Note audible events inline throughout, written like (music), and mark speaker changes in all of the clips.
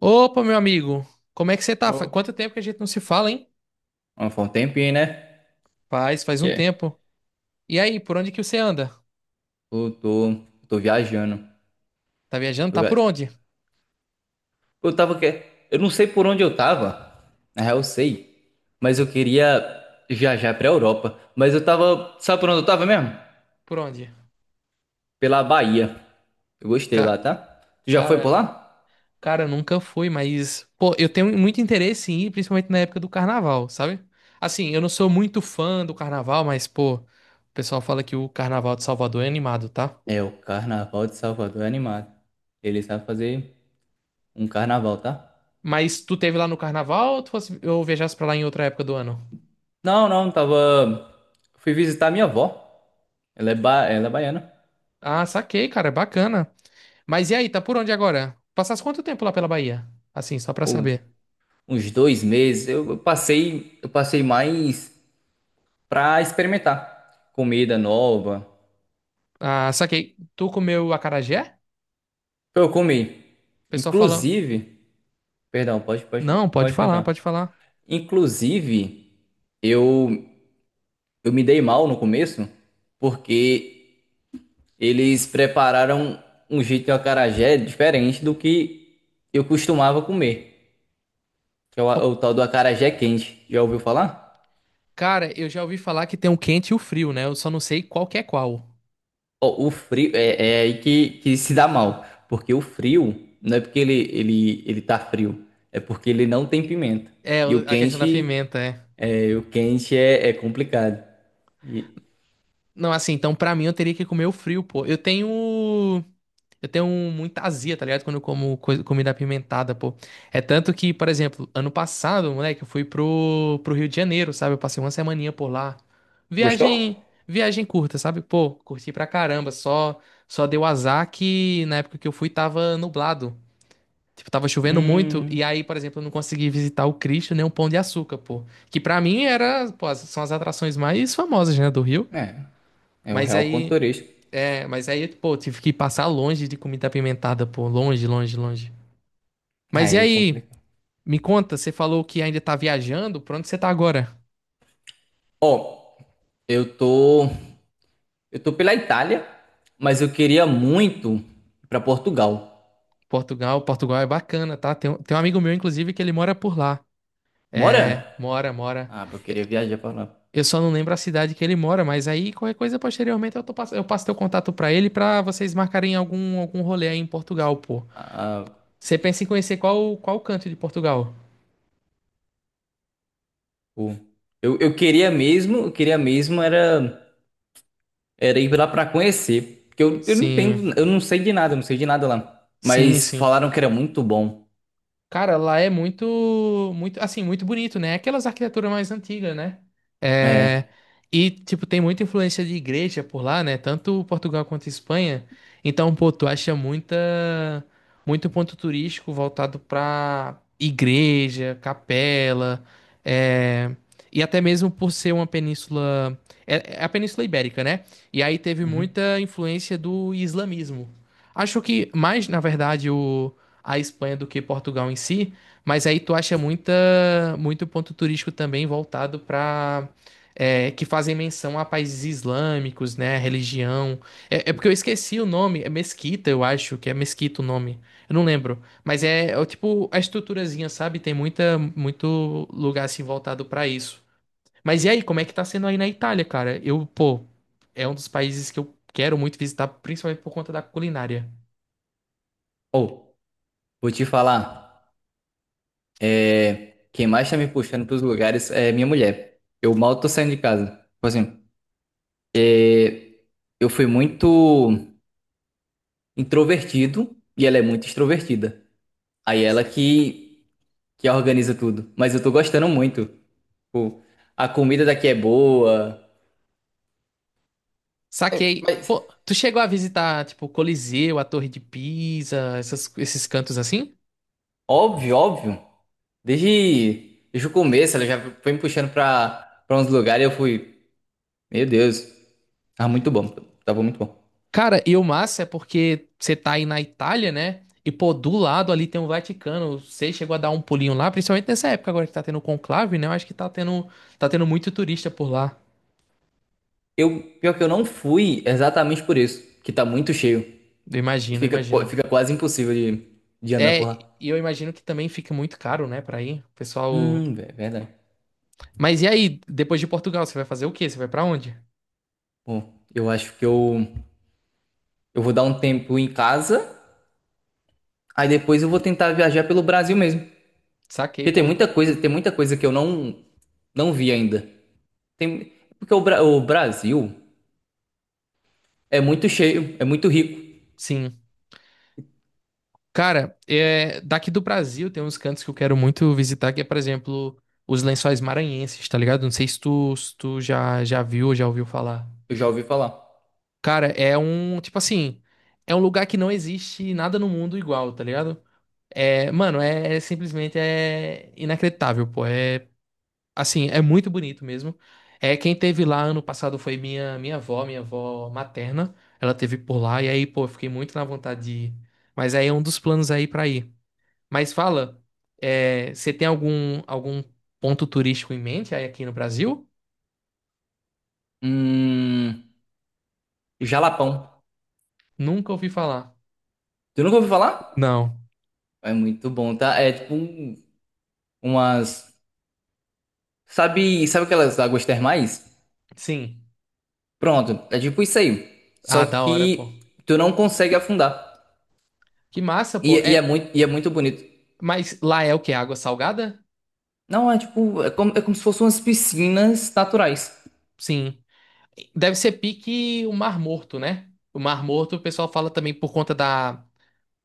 Speaker 1: Opa, meu amigo, como é que você tá?
Speaker 2: Ó,
Speaker 1: Quanto tempo que a gente não se fala, hein?
Speaker 2: foi um tempinho, né?
Speaker 1: Faz um
Speaker 2: Yeah.
Speaker 1: tempo. E aí, por onde que você anda?
Speaker 2: Eu tô viajando.
Speaker 1: Tá viajando?
Speaker 2: Eu,
Speaker 1: Tá por
Speaker 2: ga-
Speaker 1: onde?
Speaker 2: eu tava que... Eu não sei por onde eu tava. Na real, eu sei. Mas eu queria viajar pra Europa. Mas eu tava. Sabe por onde eu tava mesmo?
Speaker 1: Por onde?
Speaker 2: Pela Bahia. Eu gostei lá,
Speaker 1: Ca-
Speaker 2: tá? Tu já foi por
Speaker 1: cara,
Speaker 2: lá?
Speaker 1: cara, eu nunca fui, mas, pô, eu tenho muito interesse em ir, principalmente na época do carnaval, sabe? Assim, eu não sou muito fã do carnaval, mas, pô, o pessoal fala que o carnaval de Salvador é animado, tá?
Speaker 2: É, o Carnaval de Salvador é animado. Ele sabe fazer um carnaval, tá?
Speaker 1: Mas tu teve lá no carnaval ou tu fosse, eu viajasse pra lá em outra época do ano?
Speaker 2: Não, não, tava. Fui visitar minha avó. Ela é baiana.
Speaker 1: Ah, saquei, cara, bacana. Mas e aí, tá por onde agora? Passaste quanto tempo lá pela Bahia? Assim, só pra saber.
Speaker 2: Uns 2 meses, eu passei mais para experimentar comida nova.
Speaker 1: Ah, saquei. Tu comeu acarajé?
Speaker 2: Pra Eu comi.
Speaker 1: O pessoal fala.
Speaker 2: Inclusive, perdão, pode, pode,
Speaker 1: Não, pode
Speaker 2: pode
Speaker 1: falar,
Speaker 2: continuar.
Speaker 1: pode falar.
Speaker 2: Inclusive, eu, eu me dei mal no começo porque eles prepararam um jeito de acarajé diferente do que eu costumava comer, que é o,
Speaker 1: Bom,
Speaker 2: o tal do acarajé quente. Já ouviu falar?
Speaker 1: cara, eu já ouvi falar que tem o quente e o frio, né? Eu só não sei qual que é qual.
Speaker 2: Ó, o frio é aí que se dá mal, porque o frio não é porque ele tá frio, é porque ele não tem pimenta.
Speaker 1: É,
Speaker 2: E o
Speaker 1: a questão da
Speaker 2: quente
Speaker 1: pimenta, é.
Speaker 2: é, o quente é, é complicado. E-
Speaker 1: Não, assim, então pra mim eu teria que comer o frio, pô. Eu tenho. Eu tenho muita azia, tá ligado? Quando eu como comida apimentada, pô. É tanto que, por exemplo, ano passado, moleque, eu fui pro Rio de Janeiro, sabe? Eu passei uma semaninha por lá.
Speaker 2: Gostou?
Speaker 1: Viagem curta, sabe? Pô, curti pra caramba. Só deu azar que na época que eu fui tava nublado. Tipo, tava chovendo muito.
Speaker 2: Hum,
Speaker 1: E aí, por exemplo, eu não consegui visitar o Cristo nem o Pão de Açúcar, pô. Que pra mim era, pô, são as atrações mais famosas, né, do Rio.
Speaker 2: é, é o
Speaker 1: Mas
Speaker 2: real ponto
Speaker 1: aí.
Speaker 2: turístico.
Speaker 1: É, mas aí, pô, tive que passar longe de comida apimentada, pô. Longe, longe, longe. Mas e
Speaker 2: Aí
Speaker 1: aí?
Speaker 2: complicou.
Speaker 1: Me conta, você falou que ainda tá viajando. Pra onde você tá agora?
Speaker 2: Eu tô, eu tô pela Itália, mas eu queria muito ir pra Portugal.
Speaker 1: Portugal. Portugal é bacana, tá? Tem, tem um amigo meu, inclusive, que ele mora por lá. É,
Speaker 2: Mora?
Speaker 1: mora, mora.
Speaker 2: Ah, eu queria viajar pra lá.
Speaker 1: Eu só não lembro a cidade que ele mora, mas aí qualquer coisa posteriormente eu, tô, eu passo teu contato pra ele pra vocês marcarem algum, algum rolê aí em Portugal, pô.
Speaker 2: Ah,
Speaker 1: Você pensa em conhecer qual, qual canto de Portugal?
Speaker 2: pô. Eu queria mesmo era ir lá pra conhecer. Porque eu não
Speaker 1: Sim,
Speaker 2: entendo, eu não sei de nada, eu não sei de nada lá.
Speaker 1: sim,
Speaker 2: Mas
Speaker 1: sim.
Speaker 2: falaram que era muito bom.
Speaker 1: Cara, lá é muito, muito, assim, muito bonito, né? É aquelas arquiteturas mais antigas, né? É,
Speaker 2: É.
Speaker 1: e, tipo, tem muita influência de igreja por lá, né? Tanto Portugal quanto Espanha. Então, pô, tu acha muita, muito ponto turístico voltado pra igreja, capela, é, e até mesmo por ser uma península, é, é a Península Ibérica, né? E aí teve
Speaker 2: Uhum.
Speaker 1: muita influência do islamismo. Acho que mais, na verdade, o a Espanha do que Portugal em si, mas aí tu acha muita, muito ponto turístico também voltado para que fazem menção a países islâmicos, né, religião. É, é porque eu esqueci o nome, é Mesquita, eu acho que é Mesquita o nome. Eu não lembro, mas é, é o tipo a estruturazinha, sabe? Tem muita muito lugar assim voltado para isso. Mas e aí, como é que tá sendo aí na Itália, cara? Eu, pô, é um dos países que eu quero muito visitar, principalmente por conta da culinária.
Speaker 2: Ou, vou te falar. É, quem mais tá me puxando pros lugares é minha mulher. Eu mal tô saindo de casa. Tipo assim, é, eu fui muito introvertido e ela é muito extrovertida. Aí ela que organiza tudo. Mas eu tô gostando muito. Tipo, a comida daqui é boa.
Speaker 1: Saquei.
Speaker 2: Mas,
Speaker 1: Pô, tu chegou a visitar, tipo, o Coliseu, a Torre de Pisa, esses cantos assim?
Speaker 2: óbvio, óbvio. Desde o começo, ela já foi me puxando pra uns lugares e eu fui, meu Deus, tava muito bom, tava muito bom.
Speaker 1: Cara, e o massa é porque você tá aí na Itália, né? E, pô, do lado ali tem o Vaticano. Você chegou a dar um pulinho lá, principalmente nessa época agora que tá tendo o conclave, né? Eu acho que tá tendo muito turista por lá.
Speaker 2: Pior que eu não fui exatamente por isso, que tá muito cheio.
Speaker 1: Eu
Speaker 2: E
Speaker 1: imagino, eu
Speaker 2: Fica, qu-
Speaker 1: imagino.
Speaker 2: fica quase impossível de andar por
Speaker 1: É,
Speaker 2: lá.
Speaker 1: e eu imagino que também fica muito caro, né, pra ir. O pessoal.
Speaker 2: É verdade.
Speaker 1: Mas e aí, depois de Portugal, você vai fazer o quê? Você vai pra onde?
Speaker 2: Bom, eu acho que eu vou dar um tempo em casa, aí depois eu vou tentar viajar pelo Brasil mesmo. Porque
Speaker 1: Saquei,
Speaker 2: tem
Speaker 1: pô.
Speaker 2: muita coisa, tem muita coisa que eu não vi ainda. Tem, porque o Brasil é muito cheio, é muito rico.
Speaker 1: Sim. Cara, é, daqui do Brasil tem uns cantos que eu quero muito visitar, que é, por exemplo, os Lençóis Maranhenses, tá ligado? Não sei se tu, se tu já, já viu ou já ouviu falar.
Speaker 2: Eu já ouvi falar.
Speaker 1: Cara, é um, tipo assim, é um lugar que não existe nada no mundo igual, tá ligado? É, mano, é, é simplesmente é inacreditável, pô. É, assim, é muito bonito mesmo. É, quem teve lá ano passado foi minha, minha avó materna. Ela teve por lá, e aí, pô, eu fiquei muito na vontade de ir. Mas aí é um dos planos aí pra ir. Mas fala, é, você tem algum, algum ponto turístico em mente aí aqui no Brasil?
Speaker 2: Hum, Jalapão.
Speaker 1: Nunca ouvi falar.
Speaker 2: Tu nunca ouviu falar?
Speaker 1: Não.
Speaker 2: É muito bom, tá? É tipo umas. Sabe aquelas águas termais?
Speaker 1: Sim.
Speaker 2: Pronto, é tipo isso aí.
Speaker 1: Ah,
Speaker 2: Só
Speaker 1: da hora, pô.
Speaker 2: que tu não consegue afundar.
Speaker 1: Que massa,
Speaker 2: E,
Speaker 1: pô.
Speaker 2: e é
Speaker 1: É,
Speaker 2: muito, e é muito bonito.
Speaker 1: mas lá é o quê? Água salgada?
Speaker 2: Não, é tipo. É como se fossem umas piscinas naturais.
Speaker 1: Sim. Deve ser pique o Mar Morto, né? O Mar Morto, o pessoal fala também por conta da,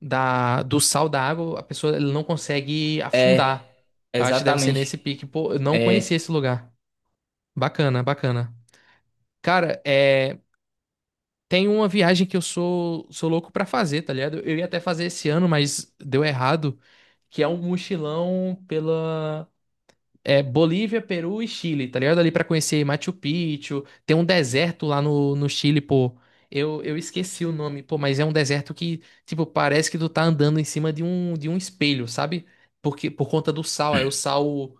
Speaker 1: da, do sal da água, a pessoa ela não consegue afundar.
Speaker 2: É,
Speaker 1: Eu acho que deve ser
Speaker 2: exatamente.
Speaker 1: nesse pique. Pô, eu não conhecia
Speaker 2: É.
Speaker 1: esse lugar. Bacana, bacana. Cara, é. Tem uma viagem que eu sou, sou louco pra fazer, tá ligado? Eu ia até fazer esse ano, mas deu errado, que é um mochilão pela é, Bolívia, Peru e Chile, tá ligado? Ali pra conhecer Machu Picchu, tem um deserto lá no Chile, pô. Eu esqueci o nome, pô, mas é um deserto que, tipo, parece que tu tá andando em cima de um espelho, sabe? Porque, por conta do sal, aí o sal,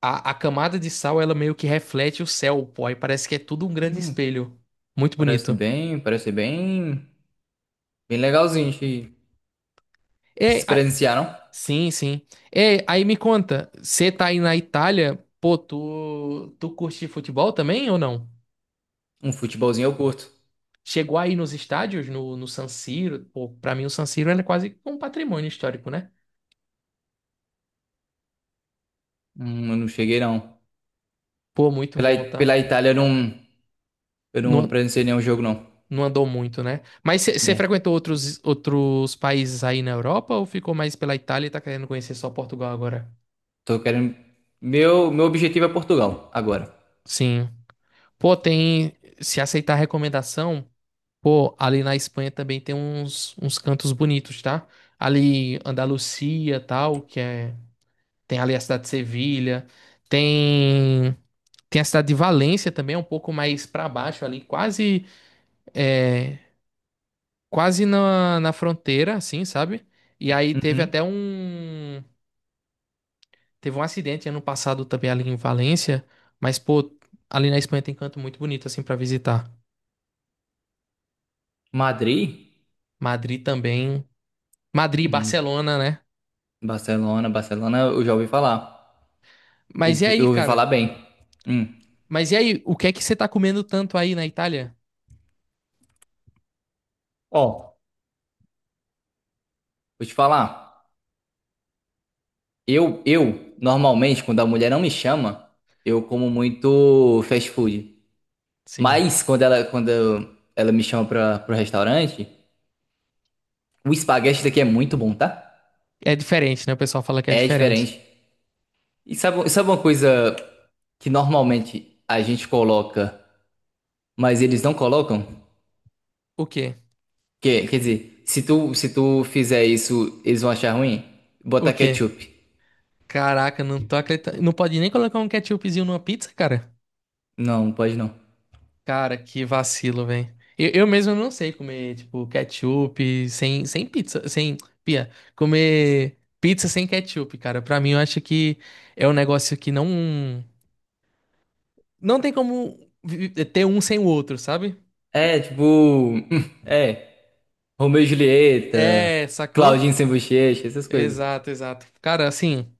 Speaker 1: a camada de sal, ela meio que reflete o céu, pô, aí parece que é tudo um grande
Speaker 2: Hum,
Speaker 1: espelho. Muito
Speaker 2: Parece
Speaker 1: bonito.
Speaker 2: bem, parece bem. Bem legalzinho de
Speaker 1: É,
Speaker 2: se presenciar, não?
Speaker 1: sim, sim. É, aí me conta, você tá aí na Itália, pô, tu, tu curte futebol também ou não?
Speaker 2: Um futebolzinho eu curto.
Speaker 1: Chegou aí nos estádios, no San Siro, pô, pra mim o San Siro era quase um patrimônio histórico, né?
Speaker 2: Eu não cheguei, não.
Speaker 1: Pô, muito
Speaker 2: Pela,
Speaker 1: bom, tá?
Speaker 2: pela Itália eu não. Eu não
Speaker 1: Não,
Speaker 2: presenciei nenhum jogo, não.
Speaker 1: não andou muito, né? Mas você
Speaker 2: Né?
Speaker 1: frequentou outros, outros países aí na Europa ou ficou mais pela Itália e tá querendo conhecer só Portugal agora?
Speaker 2: Tô querendo. Meu objetivo é Portugal, agora.
Speaker 1: Sim. Pô, tem, se aceitar a recomendação. Pô, ali na Espanha também tem uns, uns cantos bonitos, tá? Ali Andalucia, tal, que é tem ali a cidade de Sevilha, tem tem a cidade de Valência também, é um pouco mais pra baixo ali, quase é, quase na, na fronteira, assim, sabe? E aí teve
Speaker 2: Uhum.
Speaker 1: até um teve um acidente ano passado também ali em Valência, mas pô, ali na Espanha tem canto muito bonito assim pra visitar.
Speaker 2: Madrid?
Speaker 1: Madrid também, Madrid,
Speaker 2: Hum,
Speaker 1: Barcelona, né?
Speaker 2: Barcelona, Barcelona, eu já ouvi falar.
Speaker 1: Mas e
Speaker 2: Eu
Speaker 1: aí,
Speaker 2: ouvi falar
Speaker 1: cara?
Speaker 2: bem. Hum.
Speaker 1: Mas e aí, o que é que você tá comendo tanto aí na Itália?
Speaker 2: Ó, vou te falar. Eu, normalmente, quando a mulher não me chama, eu como muito fast food.
Speaker 1: Sim.
Speaker 2: Mas quando ela me chama pro restaurante, o espaguete daqui é muito bom, tá?
Speaker 1: É diferente, né? O pessoal fala que é
Speaker 2: É
Speaker 1: diferente.
Speaker 2: diferente. E sabe uma coisa que normalmente a gente coloca, mas eles não colocam?
Speaker 1: O quê?
Speaker 2: Quer dizer, se tu fizer isso, eles vão achar ruim?
Speaker 1: O
Speaker 2: Botar
Speaker 1: quê?
Speaker 2: ketchup.
Speaker 1: Caraca, não tô acreditando. Não pode nem colocar um ketchupzinho numa pizza, cara?
Speaker 2: Não, não pode não.
Speaker 1: Cara, que vacilo, velho. Eu mesmo não sei comer, tipo, ketchup sem, sem pizza, sem... Pia, comer pizza sem ketchup, cara. Pra mim, eu acho que é um negócio que não... Não tem como ter um sem o outro, sabe?
Speaker 2: É, tipo. (laughs) É. Romeu e Julieta,
Speaker 1: É, sacou?
Speaker 2: Claudinho sem bochecha, essas coisas.
Speaker 1: Exato, exato. Cara, assim...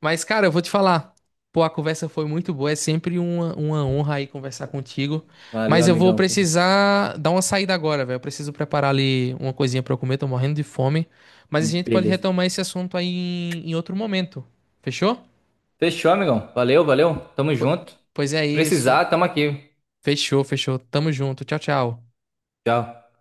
Speaker 1: Mas, cara, eu vou te falar. Pô, a conversa foi muito boa. É sempre uma honra aí conversar contigo.
Speaker 2: Valeu,
Speaker 1: Mas eu vou
Speaker 2: amigão. Foi bom.
Speaker 1: precisar dar uma saída agora, velho. Eu preciso preparar ali uma coisinha pra eu comer. Tô morrendo de fome. Mas a gente pode
Speaker 2: Beleza.
Speaker 1: retomar esse assunto aí em, em outro momento. Fechou?
Speaker 2: Fechou, amigão. Valeu, valeu. Tamo
Speaker 1: Po-
Speaker 2: junto.
Speaker 1: Pois é isso.
Speaker 2: Precisar, tamo aqui.
Speaker 1: Fechou, fechou. Tamo junto. Tchau, tchau.
Speaker 2: Tchau.